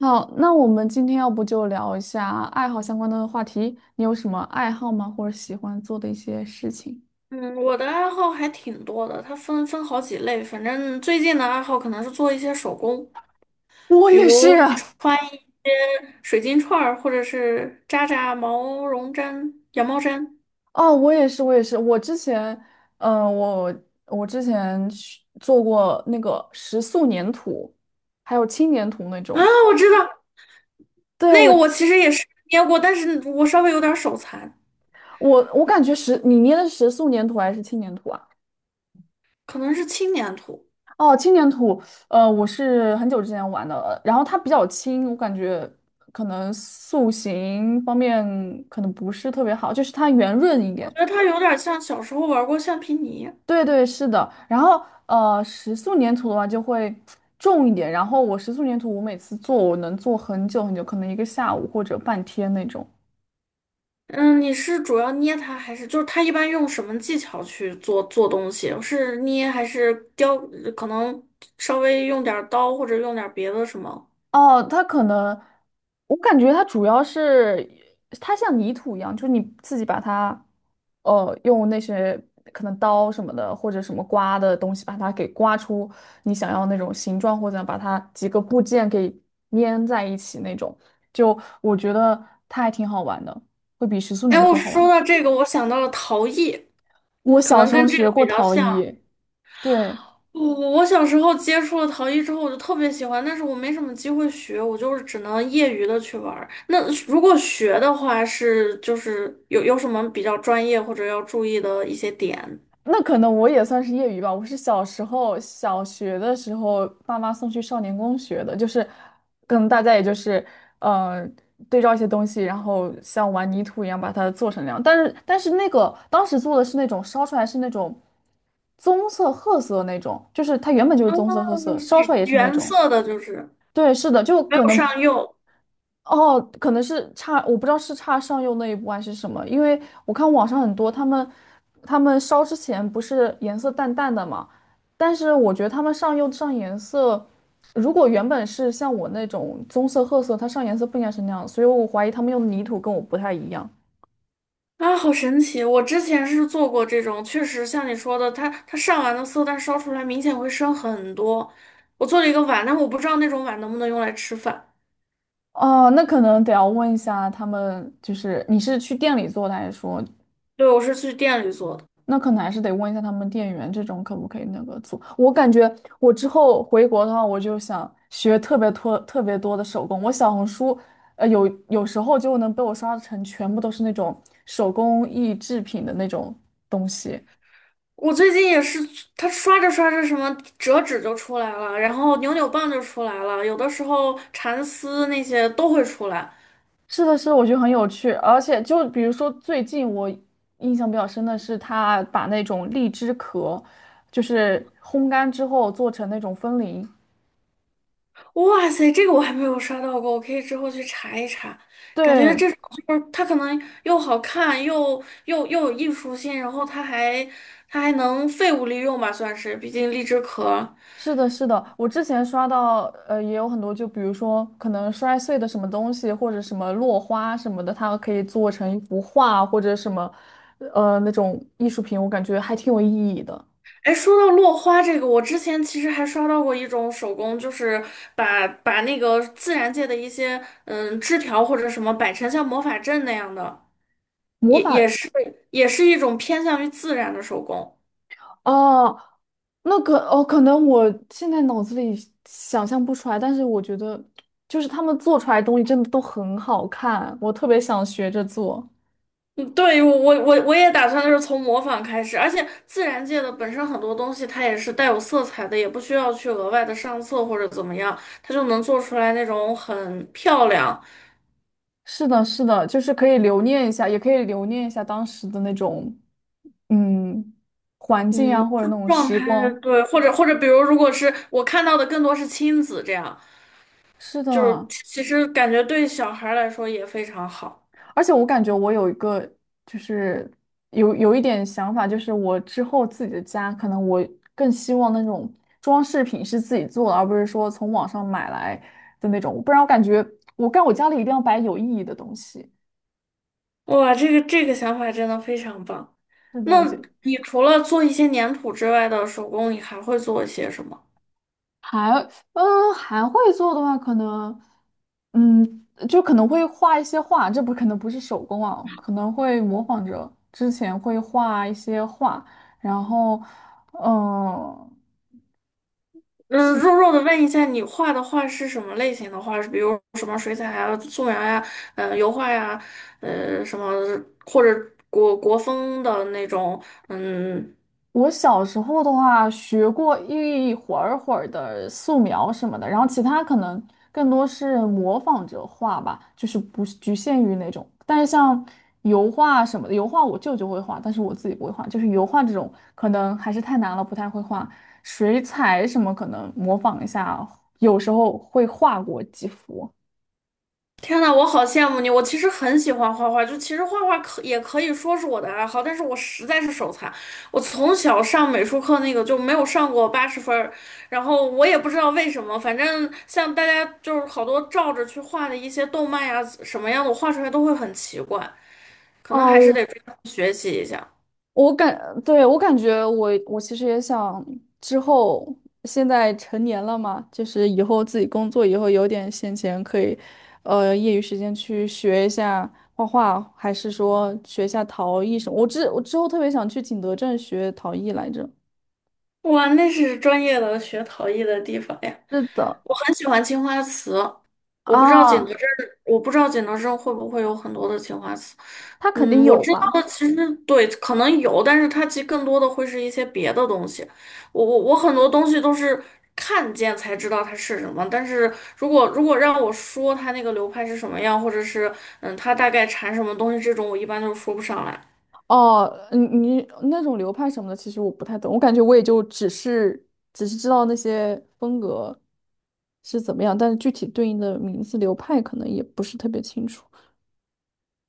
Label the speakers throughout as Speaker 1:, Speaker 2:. Speaker 1: 好，那我们今天要不就聊一下爱好相关的话题。你有什么爱好吗？或者喜欢做的一些事情？
Speaker 2: 嗯，我的爱好还挺多的，它分好几类。反正最近的爱好可能是做一些手工，
Speaker 1: 我
Speaker 2: 比
Speaker 1: 也是
Speaker 2: 如
Speaker 1: 啊。
Speaker 2: 穿一些水晶串儿，或者是扎扎毛绒毡、羊毛毡。
Speaker 1: 哦，我也是，我也是。我之前，呃，我我之前去做过那个食塑粘土，还有轻粘土那
Speaker 2: 啊，
Speaker 1: 种。
Speaker 2: 我知道
Speaker 1: 对，
Speaker 2: 那
Speaker 1: 我，
Speaker 2: 个，我其实也是捏过，但是我稍微有点手残，
Speaker 1: 我感觉你捏的是食塑粘土还是轻粘土啊？
Speaker 2: 可能是轻粘土。
Speaker 1: 哦，轻粘土。我是很久之前玩的，然后它比较轻，我感觉可能塑形方面可能不是特别好，就是它圆润一
Speaker 2: 我
Speaker 1: 点。
Speaker 2: 觉得它有点像小时候玩过橡皮泥。
Speaker 1: 对对，是的。然后石塑粘土的话就会重一点，然后我石塑粘土我每次做我能做很久很久，可能一个下午或者半天那种。
Speaker 2: 嗯，你是主要捏它，还是就是它一般用什么技巧去做做东西？是捏还是雕？可能稍微用点儿刀或者用点儿别的什么？
Speaker 1: 哦，它可能，我感觉它主要是它像泥土一样，就是你自己把它，用那些可能刀什么的或者什么刮的东西把它给刮出你想要那种形状，或者把它几个部件给粘在一起那种。就我觉得它还挺好玩的，会比时速
Speaker 2: 哎，
Speaker 1: 粘
Speaker 2: 我
Speaker 1: 土好玩。
Speaker 2: 说到这个，我想到了陶艺，
Speaker 1: 我
Speaker 2: 可
Speaker 1: 小
Speaker 2: 能
Speaker 1: 时
Speaker 2: 跟
Speaker 1: 候
Speaker 2: 这个
Speaker 1: 学过
Speaker 2: 比较
Speaker 1: 陶
Speaker 2: 像。
Speaker 1: 艺。对。
Speaker 2: 我我小时候接触了陶艺之后，我就特别喜欢，但是我没什么机会学，我就是只能业余的去玩儿。那如果学的话，是就是有什么比较专业或者要注意的一些点？
Speaker 1: 那可能我也算是业余吧，我是小时候小学的时候，爸妈送去少年宫学的，就是可能大家也就是呃对照一些东西，然后像玩泥土一样把它做成那样。但是那个当时做的是那种烧出来是那种棕色褐色那种，就是它原本就是棕色褐
Speaker 2: 就
Speaker 1: 色，
Speaker 2: 是
Speaker 1: 烧出来也是那
Speaker 2: 原
Speaker 1: 种。
Speaker 2: 色的，就是
Speaker 1: 对，是的，就
Speaker 2: 没
Speaker 1: 可
Speaker 2: 有上
Speaker 1: 能，
Speaker 2: 釉。
Speaker 1: 哦，可能是差，我不知道是差上釉那一步还是什么，因为我看网上很多他们，他们烧之前不是颜色淡淡的嘛，但是我觉得他们上釉上颜色，如果原本是像我那种棕色、褐色，它上颜色不应该是那样，所以我怀疑他们用的泥土跟我不太一样。
Speaker 2: 啊，好神奇！我之前是做过这种，确实像你说的，它上完的色，但烧出来明显会深很多。我做了一个碗，但我不知道那种碗能不能用来吃饭。
Speaker 1: 哦，那可能得要问一下他们，就是你是去店里做的，还是说
Speaker 2: 对，我是去店里做的。
Speaker 1: 那可能还是得问一下他们店员，这种可不可以那个做？我感觉我之后回国的话，我就想学特别多、特别多的手工。我小红书，有时候就能被我刷成全部都是那种手工艺制品的那种东西。
Speaker 2: 我最近也是，它刷着刷着什么折纸就出来了，然后扭扭棒就出来了，有的时候蚕丝那些都会出来。
Speaker 1: 是的，是的，我觉得很有趣。而且就比如说最近我印象比较深的是，他把那种荔枝壳，就是烘干之后做成那种风铃。
Speaker 2: 哇塞，这个我还没有刷到过，我可以之后去查一查。感觉
Speaker 1: 对。
Speaker 2: 这种就是它可能又好看，又有艺术性，然后它还能废物利用吧，算是，毕竟荔枝壳。
Speaker 1: 是的，是的，我之前刷到，也有很多，就比如说可能摔碎的什么东西，或者什么落花什么的，它可以做成一幅画，或者什么，那种艺术品，我感觉还挺有意义的。
Speaker 2: 哎，说到落花这个，我之前其实还刷到过一种手工，就是把那个自然界的一些枝条或者什么摆成像魔法阵那样的，
Speaker 1: 魔
Speaker 2: 也也
Speaker 1: 法
Speaker 2: 是也是一种偏向于自然的手工。
Speaker 1: 哦，那个哦，可能我现在脑子里想象不出来，但是我觉得就是他们做出来的东西真的都很好看，我特别想学着做。
Speaker 2: 嗯，对，我也打算就是从模仿开始，而且自然界的本身很多东西它也是带有色彩的，也不需要去额外的上色或者怎么样，它就能做出来那种很漂亮，
Speaker 1: 是的，是的，就是可以留念一下，也可以留念一下当时的那种，嗯，环境啊，
Speaker 2: 嗯，
Speaker 1: 或者
Speaker 2: 就
Speaker 1: 那种
Speaker 2: 状
Speaker 1: 时
Speaker 2: 态
Speaker 1: 光。
Speaker 2: 对，或者比如如果是我看到的更多是亲子这样，
Speaker 1: 是
Speaker 2: 就是
Speaker 1: 的，
Speaker 2: 其实感觉对小孩儿来说也非常好。
Speaker 1: 而且我感觉我有一个，就是有一点想法，就是我之后自己的家，可能我更希望那种装饰品是自己做的，而不是说从网上买来的那种，不然我感觉我干我家里一定要摆有意义的东西。
Speaker 2: 哇，这个想法真的非常棒。
Speaker 1: 是的，
Speaker 2: 那
Speaker 1: 就
Speaker 2: 你除了做一些粘土之外的手工，你还会做一些什么？
Speaker 1: 还，嗯，还会做的话，可能。嗯，就可能会画一些画，这不可能不是手工啊，可能会模仿着之前会画一些画，然后，嗯、
Speaker 2: 嗯，
Speaker 1: 其
Speaker 2: 弱弱的问一下，你画的画是什么类型的画？是比如什么水彩啊、素描呀、油画呀、什么或者国风的那种？嗯，
Speaker 1: 我小时候的话，学过一会儿会儿的素描什么的，然后其他可能更多是模仿着画吧，就是不是局限于那种。但是像油画什么的，油画我舅舅会画，但是我自己不会画。就是油画这种，可能还是太难了，不太会画。水彩什么可能模仿一下，有时候会画过几幅。
Speaker 2: 天呐，我好羡慕你！我其实很喜欢画画，就其实画画可也可以说是我的爱好，但是我实在是手残，我从小上美术课那个就没有上过80分儿，然后我也不知道为什么，反正像大家就是好多照着去画的一些动漫呀什么样的，我画出来都会很奇怪。可能还是
Speaker 1: 哦，
Speaker 2: 得专门学习一下。
Speaker 1: 我感，对，我感觉我其实也想之后，现在成年了嘛，就是以后自己工作以后有点闲钱，可以，业余时间去学一下画画，还是说学一下陶艺什么？我之后特别想去景德镇学陶艺来着。
Speaker 2: 哇，那是专业的学陶艺的地方呀！
Speaker 1: 是的。
Speaker 2: 我很喜欢青花瓷，我不知道景德
Speaker 1: 啊，
Speaker 2: 镇，我不知道景德镇会不会有很多的青花瓷。
Speaker 1: 他肯定
Speaker 2: 嗯，我
Speaker 1: 有
Speaker 2: 知道的
Speaker 1: 吧。
Speaker 2: 其实对，可能有，但是它其实更多的会是一些别的东西。我很多东西都是看见才知道它是什么，但是如果让我说它那个流派是什么样，或者是它大概产什么东西这种，我一般都说不上来。
Speaker 1: 哦，你那种流派什么的，其实我不太懂，我感觉我也就只是只是知道那些风格是怎么样，但是具体对应的名字流派可能也不是特别清楚。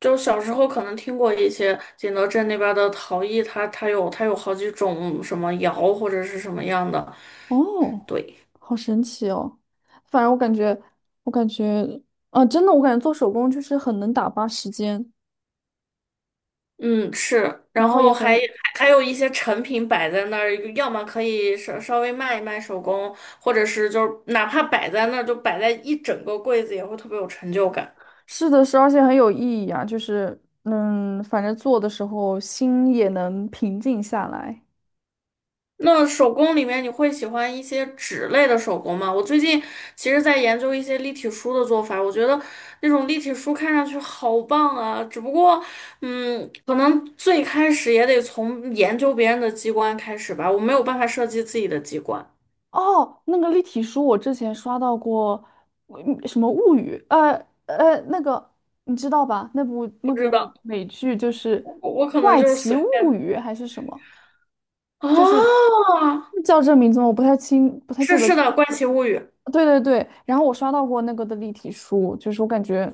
Speaker 2: 就小时候可能听过一些景德镇那边的陶艺，它有好几种什么窑或者是什么样的，
Speaker 1: 哦，
Speaker 2: 对，
Speaker 1: 好神奇哦！反正我感觉，我感觉，啊，真的，我感觉做手工就是很能打发时间，
Speaker 2: 嗯是，
Speaker 1: 然
Speaker 2: 然
Speaker 1: 后也
Speaker 2: 后还
Speaker 1: 很。
Speaker 2: 还有一些成品摆在那儿，要么可以稍微卖一卖手工，或者是就是哪怕摆在那儿就摆在一整个柜子也会特别有成就感。
Speaker 1: 是的是，而且很有意义啊，就是，嗯，反正做的时候心也能平静下来。
Speaker 2: 那手工里面你会喜欢一些纸类的手工吗？我最近其实在研究一些立体书的做法，我觉得那种立体书看上去好棒啊，只不过，可能最开始也得从研究别人的机关开始吧，我没有办法设计自己的机关，
Speaker 1: 哦，那个立体书我之前刷到过，嗯什么物语，那个你知道吧？那部那
Speaker 2: 不知
Speaker 1: 部
Speaker 2: 道，
Speaker 1: 美剧就是
Speaker 2: 我可能
Speaker 1: 《怪
Speaker 2: 就是
Speaker 1: 奇
Speaker 2: 随
Speaker 1: 物
Speaker 2: 便。
Speaker 1: 语》还是什么？
Speaker 2: 哦，
Speaker 1: 就是叫这名字吗？我不太清，不太记
Speaker 2: 是
Speaker 1: 得。
Speaker 2: 是的，《怪奇物语》，
Speaker 1: 对对对，然后我刷到过那个的立体书，就是我感觉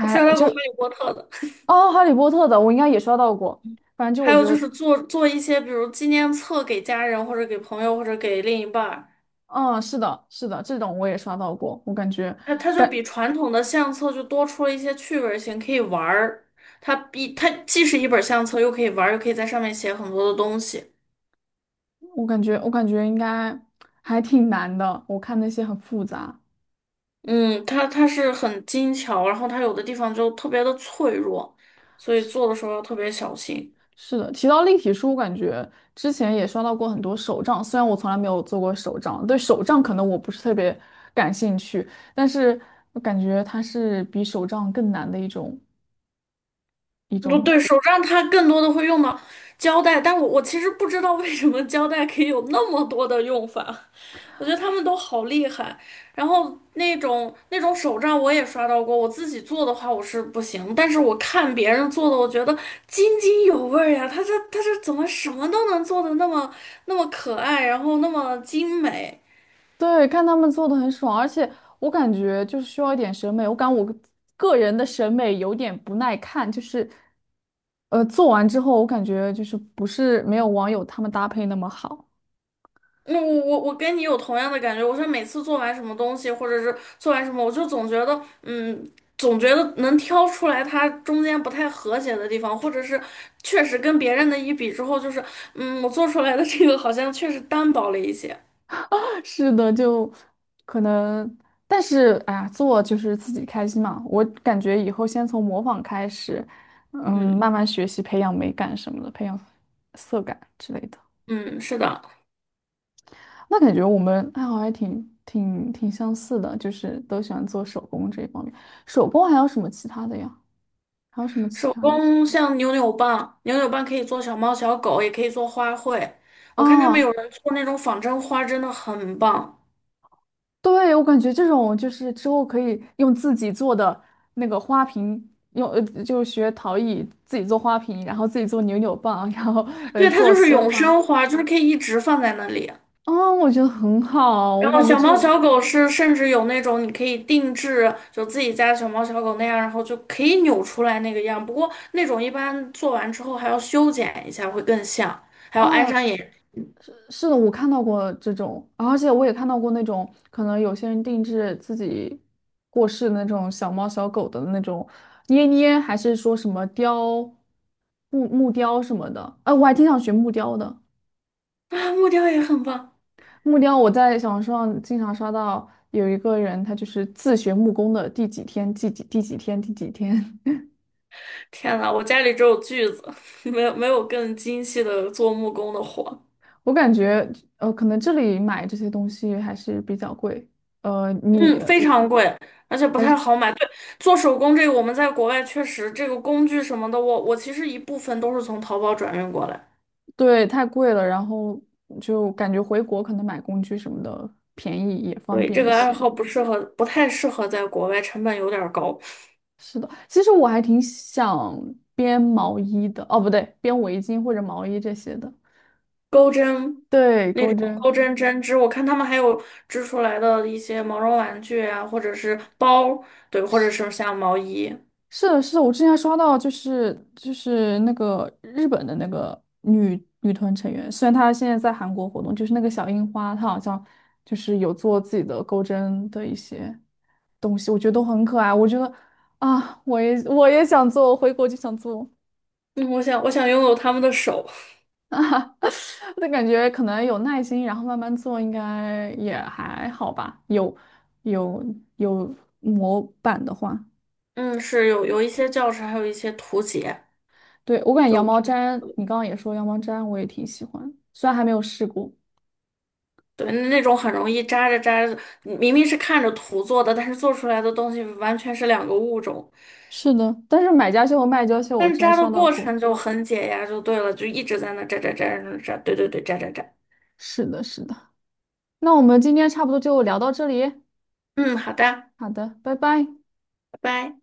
Speaker 2: 我刷到
Speaker 1: 就，
Speaker 2: 过《哈利波特》的。
Speaker 1: 哦，《哈利波特》的我应该也刷到过，反正就
Speaker 2: 还
Speaker 1: 我觉
Speaker 2: 有就
Speaker 1: 得，
Speaker 2: 是做做一些，比如纪念册给家人或者给朋友或者给另一半儿。
Speaker 1: 嗯，是的，是的，这种我也刷到过，我感觉。
Speaker 2: 它就
Speaker 1: 感。
Speaker 2: 比传统的相册就多出了一些趣味性，可以玩儿。它既是一本相册，又可以玩儿又可以在上面写很多的东西。
Speaker 1: 我感觉，我感觉应该还挺难的。我看那些很复杂。
Speaker 2: 嗯，它是很精巧，然后它有的地方就特别的脆弱，所以
Speaker 1: 是
Speaker 2: 做的时候要特别小心。
Speaker 1: 是的，提到立体书，我感觉之前也刷到过很多手账，虽然我从来没有做过手账，对手账可能我不是特别感兴趣，但是我感觉它是比手账更难的一种一
Speaker 2: 不
Speaker 1: 种。
Speaker 2: 对，手账它更多的会用到胶带，但我其实不知道为什么胶带可以有那么多的用法，我觉得他们都好厉害。然后那种手账我也刷到过，我自己做的话我是不行，但是我看别人做的，我觉得津津有味儿呀，他这怎么什么都能做的那么可爱，然后那么精美。
Speaker 1: 对，看他们做的很爽，而且我感觉就是需要一点审美，我个个人的审美有点不耐看，就是做完之后我感觉就是不是没有网友他们搭配那么好。
Speaker 2: 那我跟你有同样的感觉，我是每次做完什么东西，或者是做完什么，我就总觉得，总觉得能挑出来它中间不太和谐的地方，或者是确实跟别人的一比之后，就是，我做出来的这个好像确实单薄了一些。
Speaker 1: 是的，就可能，但是哎呀，做就是自己开心嘛。我感觉以后先从模仿开始，嗯，
Speaker 2: 嗯
Speaker 1: 慢慢学习培养美感什么的，培养色感之类的。
Speaker 2: 嗯，是的，
Speaker 1: 那感觉我们爱好还挺相似的，就是都喜欢做手工这一方面。手工还有什么其他的呀？还有什么其
Speaker 2: 手
Speaker 1: 他类型？
Speaker 2: 工像扭扭棒，可以做小猫小狗，也可以做花卉。我看他们
Speaker 1: 啊？
Speaker 2: 有人做那种仿真花，真的很棒。
Speaker 1: 对，我感觉这种就是之后可以用自己做的那个花瓶，用就学陶艺自己做花瓶，然后自己做扭扭棒，然后
Speaker 2: 对，它
Speaker 1: 做
Speaker 2: 就是
Speaker 1: 鲜
Speaker 2: 永
Speaker 1: 花。
Speaker 2: 生花，就是可以一直放在那里。
Speaker 1: 哦，我觉得很好，我
Speaker 2: 然后
Speaker 1: 感觉
Speaker 2: 小
Speaker 1: 这
Speaker 2: 猫
Speaker 1: 种
Speaker 2: 小狗是甚至有那种你可以定制，就自己家小猫小狗那样，然后就可以扭出来那个样。不过那种一般做完之后还要修剪一下，会更像，还要安
Speaker 1: 哦，
Speaker 2: 上眼
Speaker 1: 是是的，我看到过这种，而且我也看到过那种可能有些人定制自己过世那种小猫小狗的那种捏捏，还是说什么木雕什么的。哎、我还挺想学木雕的。
Speaker 2: 啊，木雕也很棒。
Speaker 1: 木雕，我在小红书上经常刷到有一个人，他就是自学木工的第几天、第几天、第几天。
Speaker 2: 天呐，我家里只有锯子，没有更精细的做木工的活。
Speaker 1: 我感觉，可能这里买这些东西还是比较贵。呃，你，
Speaker 2: 嗯，
Speaker 1: 呃
Speaker 2: 非常贵，而且不太好买。对，做手工这个我们在国外确实这个工具什么的，我其实一部分都是从淘宝转运过来。
Speaker 1: 对，太贵了，然后就感觉回国可能买工具什么的便宜也方
Speaker 2: 对，
Speaker 1: 便
Speaker 2: 这
Speaker 1: 一
Speaker 2: 个爱
Speaker 1: 些。
Speaker 2: 好不适合，不太适合在国外，成本有点儿高。
Speaker 1: 是的，其实我还挺想编毛衣的，哦，不对，编围巾或者毛衣这些的。
Speaker 2: 钩针、
Speaker 1: 对，钩针。
Speaker 2: 钩针、针织，我看他们还有织出来的一些毛绒玩具啊，或者是包，对，或者是像毛衣。
Speaker 1: 是的，是的，我之前还刷到，就是那个日本的那个女团成员，虽然她现在在韩国活动，就是那个小樱花，她好像就是有做自己的钩针的一些东西，我觉得都很可爱。我觉得，啊，我也想做，我回国就想做。
Speaker 2: 嗯，我想拥有他们的手。
Speaker 1: 啊，那感觉可能有耐心，然后慢慢做，应该也还好吧。有有模板的话。
Speaker 2: 嗯，是有一些教程，还有一些图解，
Speaker 1: 对，我感觉羊
Speaker 2: 就
Speaker 1: 毛毡，你刚刚也说羊毛毡，我也挺喜欢，虽然还没有试过。
Speaker 2: 对那种很容易扎着扎着，明明是看着图做的，但是做出来的东西完全是两个物种。
Speaker 1: 是的，但是买家秀和卖家秀我
Speaker 2: 但是
Speaker 1: 之前
Speaker 2: 扎的
Speaker 1: 刷到
Speaker 2: 过
Speaker 1: 过。
Speaker 2: 程就很解压，就对了，就一直在那扎扎扎扎扎，对对对，扎扎扎。
Speaker 1: 是的，是的。那我们今天差不多就聊到这里。
Speaker 2: 嗯，好的，
Speaker 1: 好的，拜拜。
Speaker 2: 拜拜。